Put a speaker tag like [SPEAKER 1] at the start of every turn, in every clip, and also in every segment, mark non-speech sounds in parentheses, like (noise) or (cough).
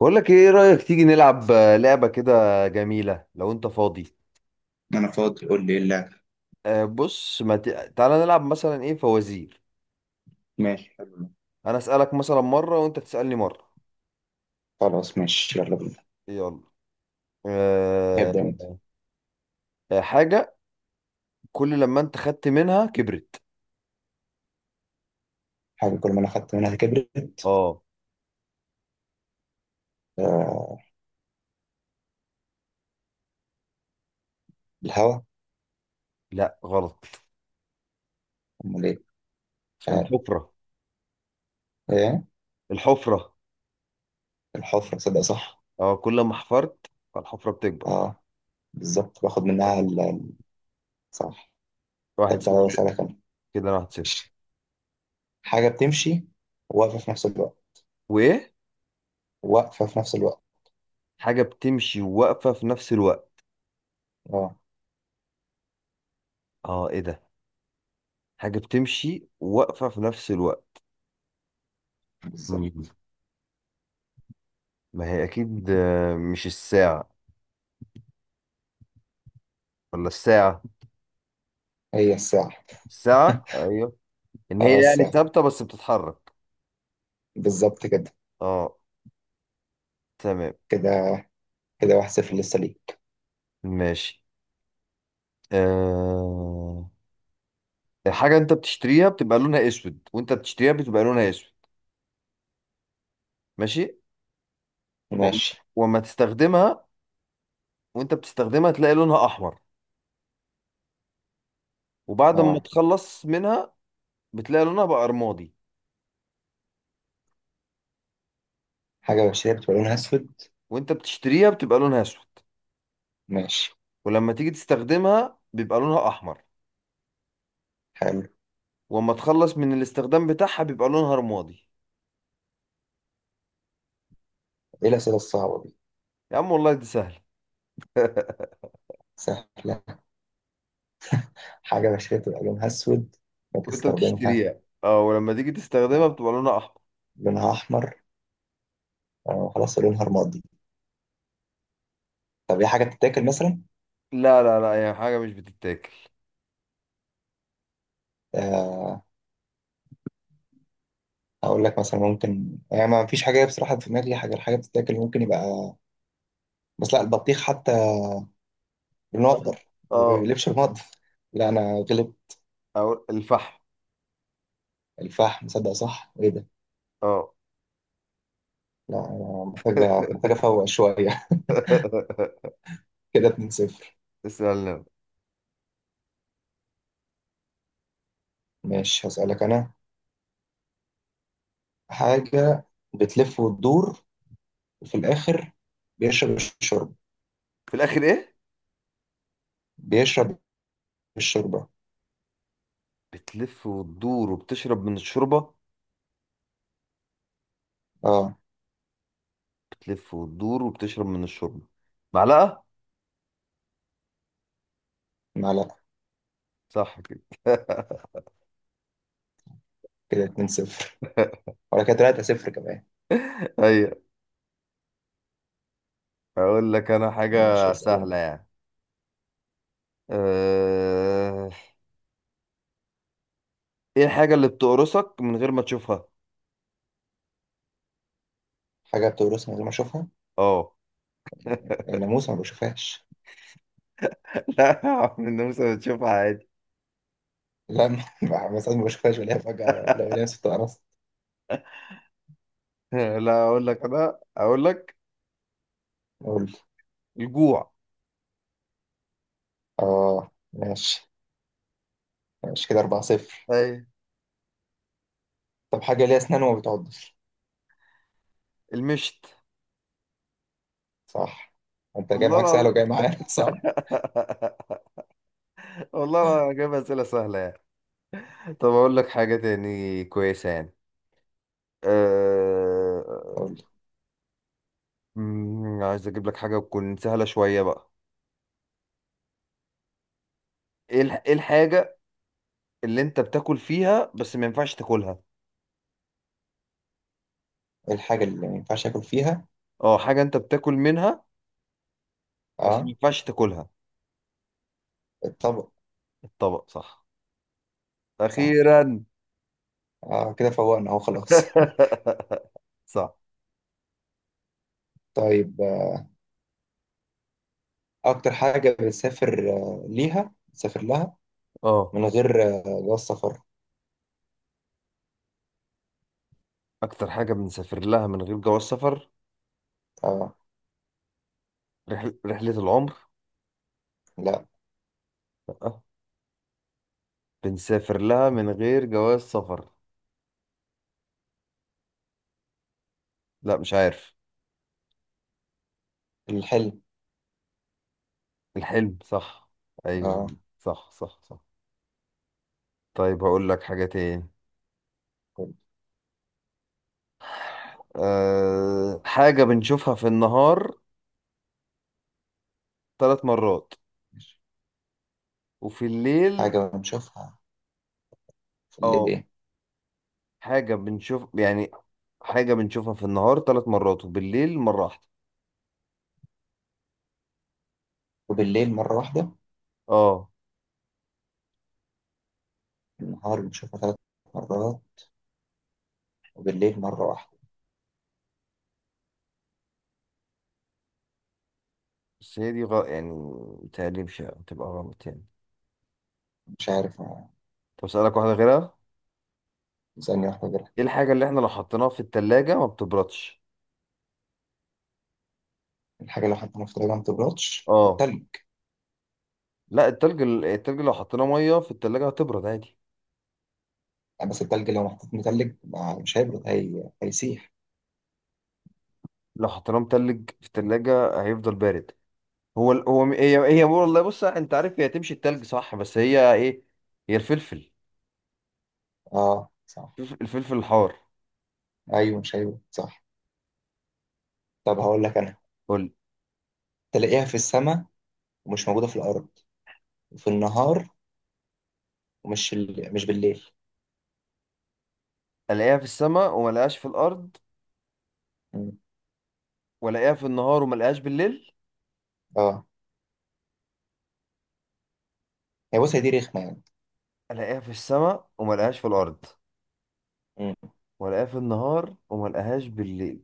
[SPEAKER 1] بقول لك ايه رأيك تيجي نلعب لعبة كده جميلة لو انت فاضي.
[SPEAKER 2] انا فاضي، قول لي ايه اللعبه؟
[SPEAKER 1] بص ما تعالى نلعب مثلا ايه فوازير؟
[SPEAKER 2] ماشي، حلو ده.
[SPEAKER 1] انا اسألك مثلا مرة وانت تسألني مرة.
[SPEAKER 2] خلاص ماشي، يلا بينا.
[SPEAKER 1] يلا.
[SPEAKER 2] هبدأ انت.
[SPEAKER 1] أه... حاجة، كل لما انت خدت منها كبرت.
[SPEAKER 2] حاجه كل ما انا خدت منها كبرت.
[SPEAKER 1] اه.
[SPEAKER 2] آه، الهوا.
[SPEAKER 1] لا غلط.
[SPEAKER 2] امال ايه؟ مش عارف.
[SPEAKER 1] الحفرة.
[SPEAKER 2] ايه؟
[SPEAKER 1] الحفرة.
[SPEAKER 2] الحفره، صدق صح.
[SPEAKER 1] اه، كل ما حفرت فالحفرة بتكبر.
[SPEAKER 2] اه بالظبط، باخد
[SPEAKER 1] يلا.
[SPEAKER 2] منها صح.
[SPEAKER 1] واحد
[SPEAKER 2] طب تعالى
[SPEAKER 1] صفر
[SPEAKER 2] اسالك انا.
[SPEAKER 1] كده أنا 1-0.
[SPEAKER 2] حاجه بتمشي واقفه في نفس الوقت،
[SPEAKER 1] وايه؟
[SPEAKER 2] واقفه في نفس الوقت.
[SPEAKER 1] حاجة بتمشي وواقفة في نفس الوقت.
[SPEAKER 2] اه
[SPEAKER 1] اه ايه ده؟ حاجة بتمشي وواقفة في نفس الوقت. مم.
[SPEAKER 2] بالظبط.
[SPEAKER 1] ما هي اكيد مش الساعة، ولا الساعة.
[SPEAKER 2] هي الساعه.
[SPEAKER 1] الساعة، ايوه. ان
[SPEAKER 2] اه
[SPEAKER 1] هي يعني
[SPEAKER 2] الساعه،
[SPEAKER 1] ثابتة بس بتتحرك.
[SPEAKER 2] بالظبط كده.
[SPEAKER 1] اه. تمام.
[SPEAKER 2] كده كده 1-0 لسه ليك.
[SPEAKER 1] ماشي. أه... الحاجة انت بتشتريها بتبقى لونها اسود، وانت بتشتريها بتبقى لونها اسود. ماشي. و...
[SPEAKER 2] ماشي.
[SPEAKER 1] وما تستخدمها، وانت بتستخدمها تلاقي لونها احمر، وبعد ما
[SPEAKER 2] اه
[SPEAKER 1] تخلص منها بتلاقي لونها بقى رمادي.
[SPEAKER 2] حاجه بشريه بتبقى لونها اسود.
[SPEAKER 1] وانت بتشتريها بتبقى لونها اسود،
[SPEAKER 2] ماشي،
[SPEAKER 1] ولما تيجي تستخدمها بيبقى لونها احمر،
[SPEAKER 2] حلو.
[SPEAKER 1] وما تخلص من الاستخدام بتاعها بيبقى لونها رمادي.
[SPEAKER 2] ايه الاسئله الصعبه دي؟
[SPEAKER 1] يا عم والله دي سهلة. (laughs)
[SPEAKER 2] سهلة. حاجة بشرتها لونها أسود،
[SPEAKER 1] وانت
[SPEAKER 2] بتستخدمها
[SPEAKER 1] بتشتريها، اه، ولما تيجي تستخدمها بتبقى لونها احمر.
[SPEAKER 2] لونها أحمر، خلاص لونها رمادي. طب هي حاجة بتتاكل مثلا؟
[SPEAKER 1] لا لا لا، هي حاجة مش بتتاكل.
[SPEAKER 2] آه، أقول لك مثلا، ممكن يعني ما فيش حاجة، بصراحة في دماغي حاجة، الحاجة بتتاكل ممكن يبقى. بس لا، البطيخ حتى لونه أخضر ما
[SPEAKER 1] اه.
[SPEAKER 2] بيقلبش رمادي. (laughs) لا أنا غلب.
[SPEAKER 1] او الفحم.
[SPEAKER 2] الفحم، صدق صح، إيه ده؟
[SPEAKER 1] اه.
[SPEAKER 2] لا أنا محتاجة أفوق شوية.
[SPEAKER 1] (laughs)
[SPEAKER 2] (laughs) كده 2-0.
[SPEAKER 1] اسألنا.
[SPEAKER 2] ماشي، هسألك أنا. حاجة بتلف وتدور، وفي الآخر بيشرب الشرب
[SPEAKER 1] في الاخر ايه؟
[SPEAKER 2] بيشرب الشوربة.
[SPEAKER 1] بتلف وتدور وبتشرب من الشوربة.
[SPEAKER 2] اه
[SPEAKER 1] بتلف وتدور وبتشرب من الشوربة. معلقة.
[SPEAKER 2] معلقة.
[SPEAKER 1] صح كده. (laughs)
[SPEAKER 2] كده 2-0 ولا كده 3-0 كمان.
[SPEAKER 1] ايوه. اقول لك انا حاجة
[SPEAKER 2] ماشي اسأل انت.
[SPEAKER 1] سهلة يعني. أه... ايه الحاجة اللي بتقرصك من غير ما تشوفها؟
[SPEAKER 2] حاجة بتورثها من غير ما اشوفها.
[SPEAKER 1] اه.
[SPEAKER 2] الناموس ما بشوفهاش.
[SPEAKER 1] لا (laughs) عمرو النمسا بتشوفها عادي.
[SPEAKER 2] لا ما (laughs) ساعات ما بشوفهاش، ولا فجأة لا، ولا ست قرصت.
[SPEAKER 1] (laughs) لا اقول لك انا، اقول لك.
[SPEAKER 2] قول لي.
[SPEAKER 1] الجوع.
[SPEAKER 2] اه ماشي. ماشي كده 4-0.
[SPEAKER 1] اي.
[SPEAKER 2] طب حاجة ليها اسنان وما بتعضش؟
[SPEAKER 1] المشت.
[SPEAKER 2] صح. انت جاي
[SPEAKER 1] والله
[SPEAKER 2] معاك سهل
[SPEAKER 1] العظيم.
[SPEAKER 2] وجاي معايا (laughs) صعب.
[SPEAKER 1] (laughs) والله العظيم انا جايب اسئله سهله يعني. طب اقول لك حاجه تاني كويسه يعني. أه...
[SPEAKER 2] قول لي
[SPEAKER 1] عايز اجيب لك حاجه تكون سهله شويه بقى. إيه الحاجه اللي انت بتاكل فيها بس ما ينفعش تاكلها؟
[SPEAKER 2] ايه الحاجة اللي ما ينفعش اكل فيها.
[SPEAKER 1] اه، حاجه انت بتاكل منها بس ما
[SPEAKER 2] اه
[SPEAKER 1] ينفعش تاكلها.
[SPEAKER 2] الطبق،
[SPEAKER 1] الطبق صح.
[SPEAKER 2] صح.
[SPEAKER 1] اخيرا.
[SPEAKER 2] اه كده فوقنا اهو خلاص. (laughs)
[SPEAKER 1] (laughs) صح.
[SPEAKER 2] طيب، آه، اكتر حاجة بتسافر آه، ليها بتسافر لها
[SPEAKER 1] اه.
[SPEAKER 2] من غير جو السفر.
[SPEAKER 1] اكتر حاجه بنسافر لها من غير جواز سفر.
[SPEAKER 2] آه
[SPEAKER 1] رحله العمر.
[SPEAKER 2] لا،
[SPEAKER 1] لا. بنسافر لها من غير جواز سفر. لا مش عارف.
[SPEAKER 2] الحلم.
[SPEAKER 1] الحلم صح. ايوه.
[SPEAKER 2] آه.
[SPEAKER 1] صح صح صح. طيب هقول لك حاجه تاني.
[SPEAKER 2] طيب.
[SPEAKER 1] حاجه بنشوفها في النهار 3 مرات
[SPEAKER 2] ماشي.
[SPEAKER 1] وفي الليل.
[SPEAKER 2] حاجة بنشوفها في الليل
[SPEAKER 1] اه.
[SPEAKER 2] إيه؟
[SPEAKER 1] حاجه بنشوف يعني. حاجه بنشوفها في النهار ثلاث مرات وبالليل مره واحده.
[SPEAKER 2] وبالليل مرة واحدة.
[SPEAKER 1] اه.
[SPEAKER 2] النهار بنشوفها 3 مرات وبالليل مرة واحدة.
[SPEAKER 1] بس هي دي يعني متهيألي مش هتبقى غلط يعني.
[SPEAKER 2] مش عارف
[SPEAKER 1] طب اسالك واحده غيرها.
[SPEAKER 2] ثانية واحدة غيرها.
[SPEAKER 1] ايه الحاجة اللي احنا لو حطيناها في التلاجة ما بتبردش؟
[SPEAKER 2] الحاجة لو حطيناها في التلاجة ما بتبردش
[SPEAKER 1] اه.
[SPEAKER 2] التلج.
[SPEAKER 1] لا، التلج التلج لو حطيناه مية في التلاجة هتبرد عادي.
[SPEAKER 2] بس التلج لو محطوط متلج، مش هيبرد هيسيح.
[SPEAKER 1] لو حطيناه متلج في التلاجة هيفضل بارد. هي هي والله، بص انت عارف، هي تمشي التلج صح، بس هي ايه؟ هي
[SPEAKER 2] اه صح.
[SPEAKER 1] الفلفل الحار.
[SPEAKER 2] أيوه مش هيبرد، صح. طب هقول لك أنا.
[SPEAKER 1] قول.
[SPEAKER 2] تلاقيها في السماء ومش موجودة في الأرض، وفي النهار ومش ال... مش بالليل.
[SPEAKER 1] الاقيها في السماء وما الاقيهاش في الارض،
[SPEAKER 2] مم.
[SPEAKER 1] والاقيها في النهار وما الاقيهاش بالليل.
[SPEAKER 2] اه هي بص، هي دي رخمة يعني.
[SPEAKER 1] الاقيها في السماء وما الاقيهاش في الارض،
[SPEAKER 2] مم.
[SPEAKER 1] والاقيها في النهار وما الاقيهاش بالليل.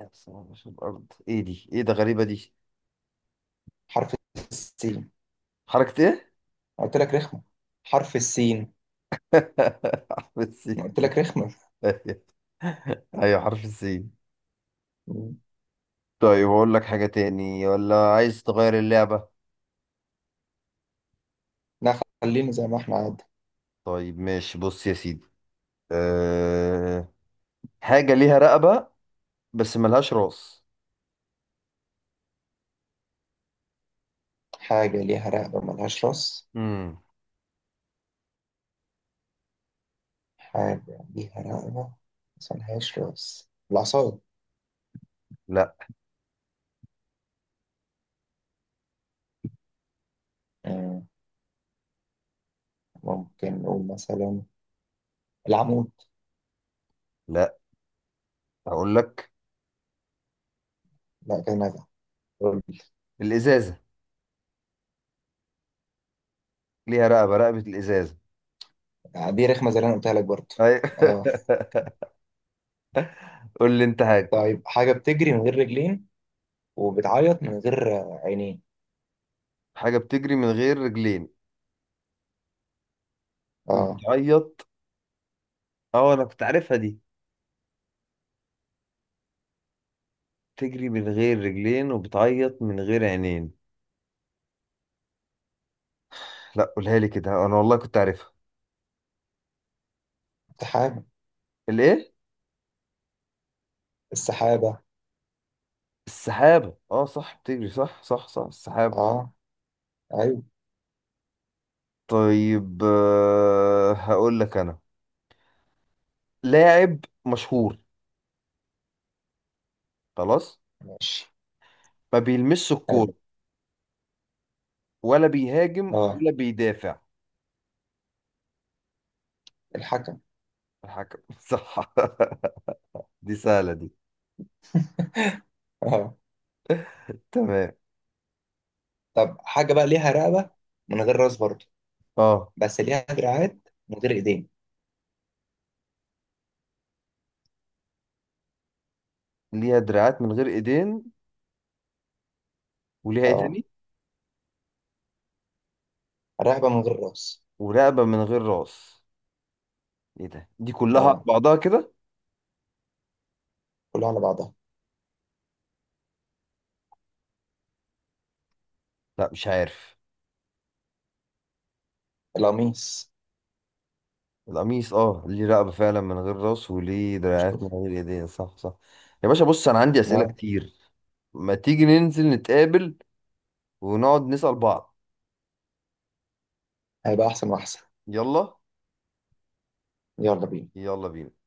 [SPEAKER 1] يا سلام، مش الارض، ايه دي، ايه ده، غريبة دي.
[SPEAKER 2] حرف السين.
[SPEAKER 1] حركة ايه؟
[SPEAKER 2] قلت لك رخمة حرف السين.
[SPEAKER 1] (laughs) حرف السين.
[SPEAKER 2] قلت لك رخمة.
[SPEAKER 1] ايوه، حرف السين.
[SPEAKER 2] مم.
[SPEAKER 1] طيب اقول لك حاجة تاني ولا عايز تغير اللعبة؟
[SPEAKER 2] لا، خلينا زي ما احنا عاد.
[SPEAKER 1] طيب ماشي، بص يا سيدي. أه... حاجة ليها رقبة بس ملهاش راس.
[SPEAKER 2] حاجة ليها رقبة ملهاش راس.
[SPEAKER 1] امم
[SPEAKER 2] حاجة ليها رقبة بس ملهاش راس، العصاية.
[SPEAKER 1] لا
[SPEAKER 2] مم. ممكن نقول مثلا العمود.
[SPEAKER 1] لا، اقول لك.
[SPEAKER 2] لا كده نجا. قول لي.
[SPEAKER 1] الازازة. ليها رقبة، رقبة الازازة.
[SPEAKER 2] دي رخمة زي اللي أنا قلتها لك برضه.
[SPEAKER 1] ايوه.
[SPEAKER 2] اه.
[SPEAKER 1] (laughs) قول لي انت حاجة.
[SPEAKER 2] طيب حاجة بتجري من غير رجلين وبتعيط من غير عينين.
[SPEAKER 1] حاجة بتجري من غير رجلين
[SPEAKER 2] اه
[SPEAKER 1] وبتعيط. اه انا كنت عارفها دي. تجري من غير رجلين وبتعيط من غير عينين. لا قولها لي كده، انا والله كنت عارفها.
[SPEAKER 2] سحابة.
[SPEAKER 1] الايه؟
[SPEAKER 2] السحابة.
[SPEAKER 1] السحابة. اه صح، بتجري، صح صح صح، السحابة.
[SPEAKER 2] اه، ايوه.
[SPEAKER 1] طيب هقول لك انا. لاعب مشهور خلاص،
[SPEAKER 2] ماشي،
[SPEAKER 1] ما بيلمسش
[SPEAKER 2] حلو.
[SPEAKER 1] الكورة ولا بيهاجم
[SPEAKER 2] اه
[SPEAKER 1] ولا بيدافع.
[SPEAKER 2] الحاجة.
[SPEAKER 1] الحكم. (laughs) صح. دي سهلة دي.
[SPEAKER 2] اه
[SPEAKER 1] تمام.
[SPEAKER 2] طب حاجة بقى ليها رقبة من غير راس برضه،
[SPEAKER 1] اه.
[SPEAKER 2] بس ليها دراعات من غير ايدين.
[SPEAKER 1] ليها دراعات من غير ايدين. وليها ايه
[SPEAKER 2] اه
[SPEAKER 1] تاني؟
[SPEAKER 2] رقبة من غير راس.
[SPEAKER 1] ورقبة من غير راس. ايه ده، دي كلها على
[SPEAKER 2] اه
[SPEAKER 1] بعضها كده.
[SPEAKER 2] كلها على بعضها.
[SPEAKER 1] لا مش عارف.
[SPEAKER 2] القميص.
[SPEAKER 1] القميص. اه ليه رقبة فعلا من غير راس، وليه دراعات من
[SPEAKER 2] شوف.
[SPEAKER 1] غير ايدين، صح صح. يا باشا، بص انا عندي اسئلة
[SPEAKER 2] اه.
[SPEAKER 1] كتير. ما تيجي ننزل نتقابل ونقعد نسأل بعض.
[SPEAKER 2] هيبقى احسن واحسن.
[SPEAKER 1] يلا.
[SPEAKER 2] يلا بينا.
[SPEAKER 1] يلا بينا.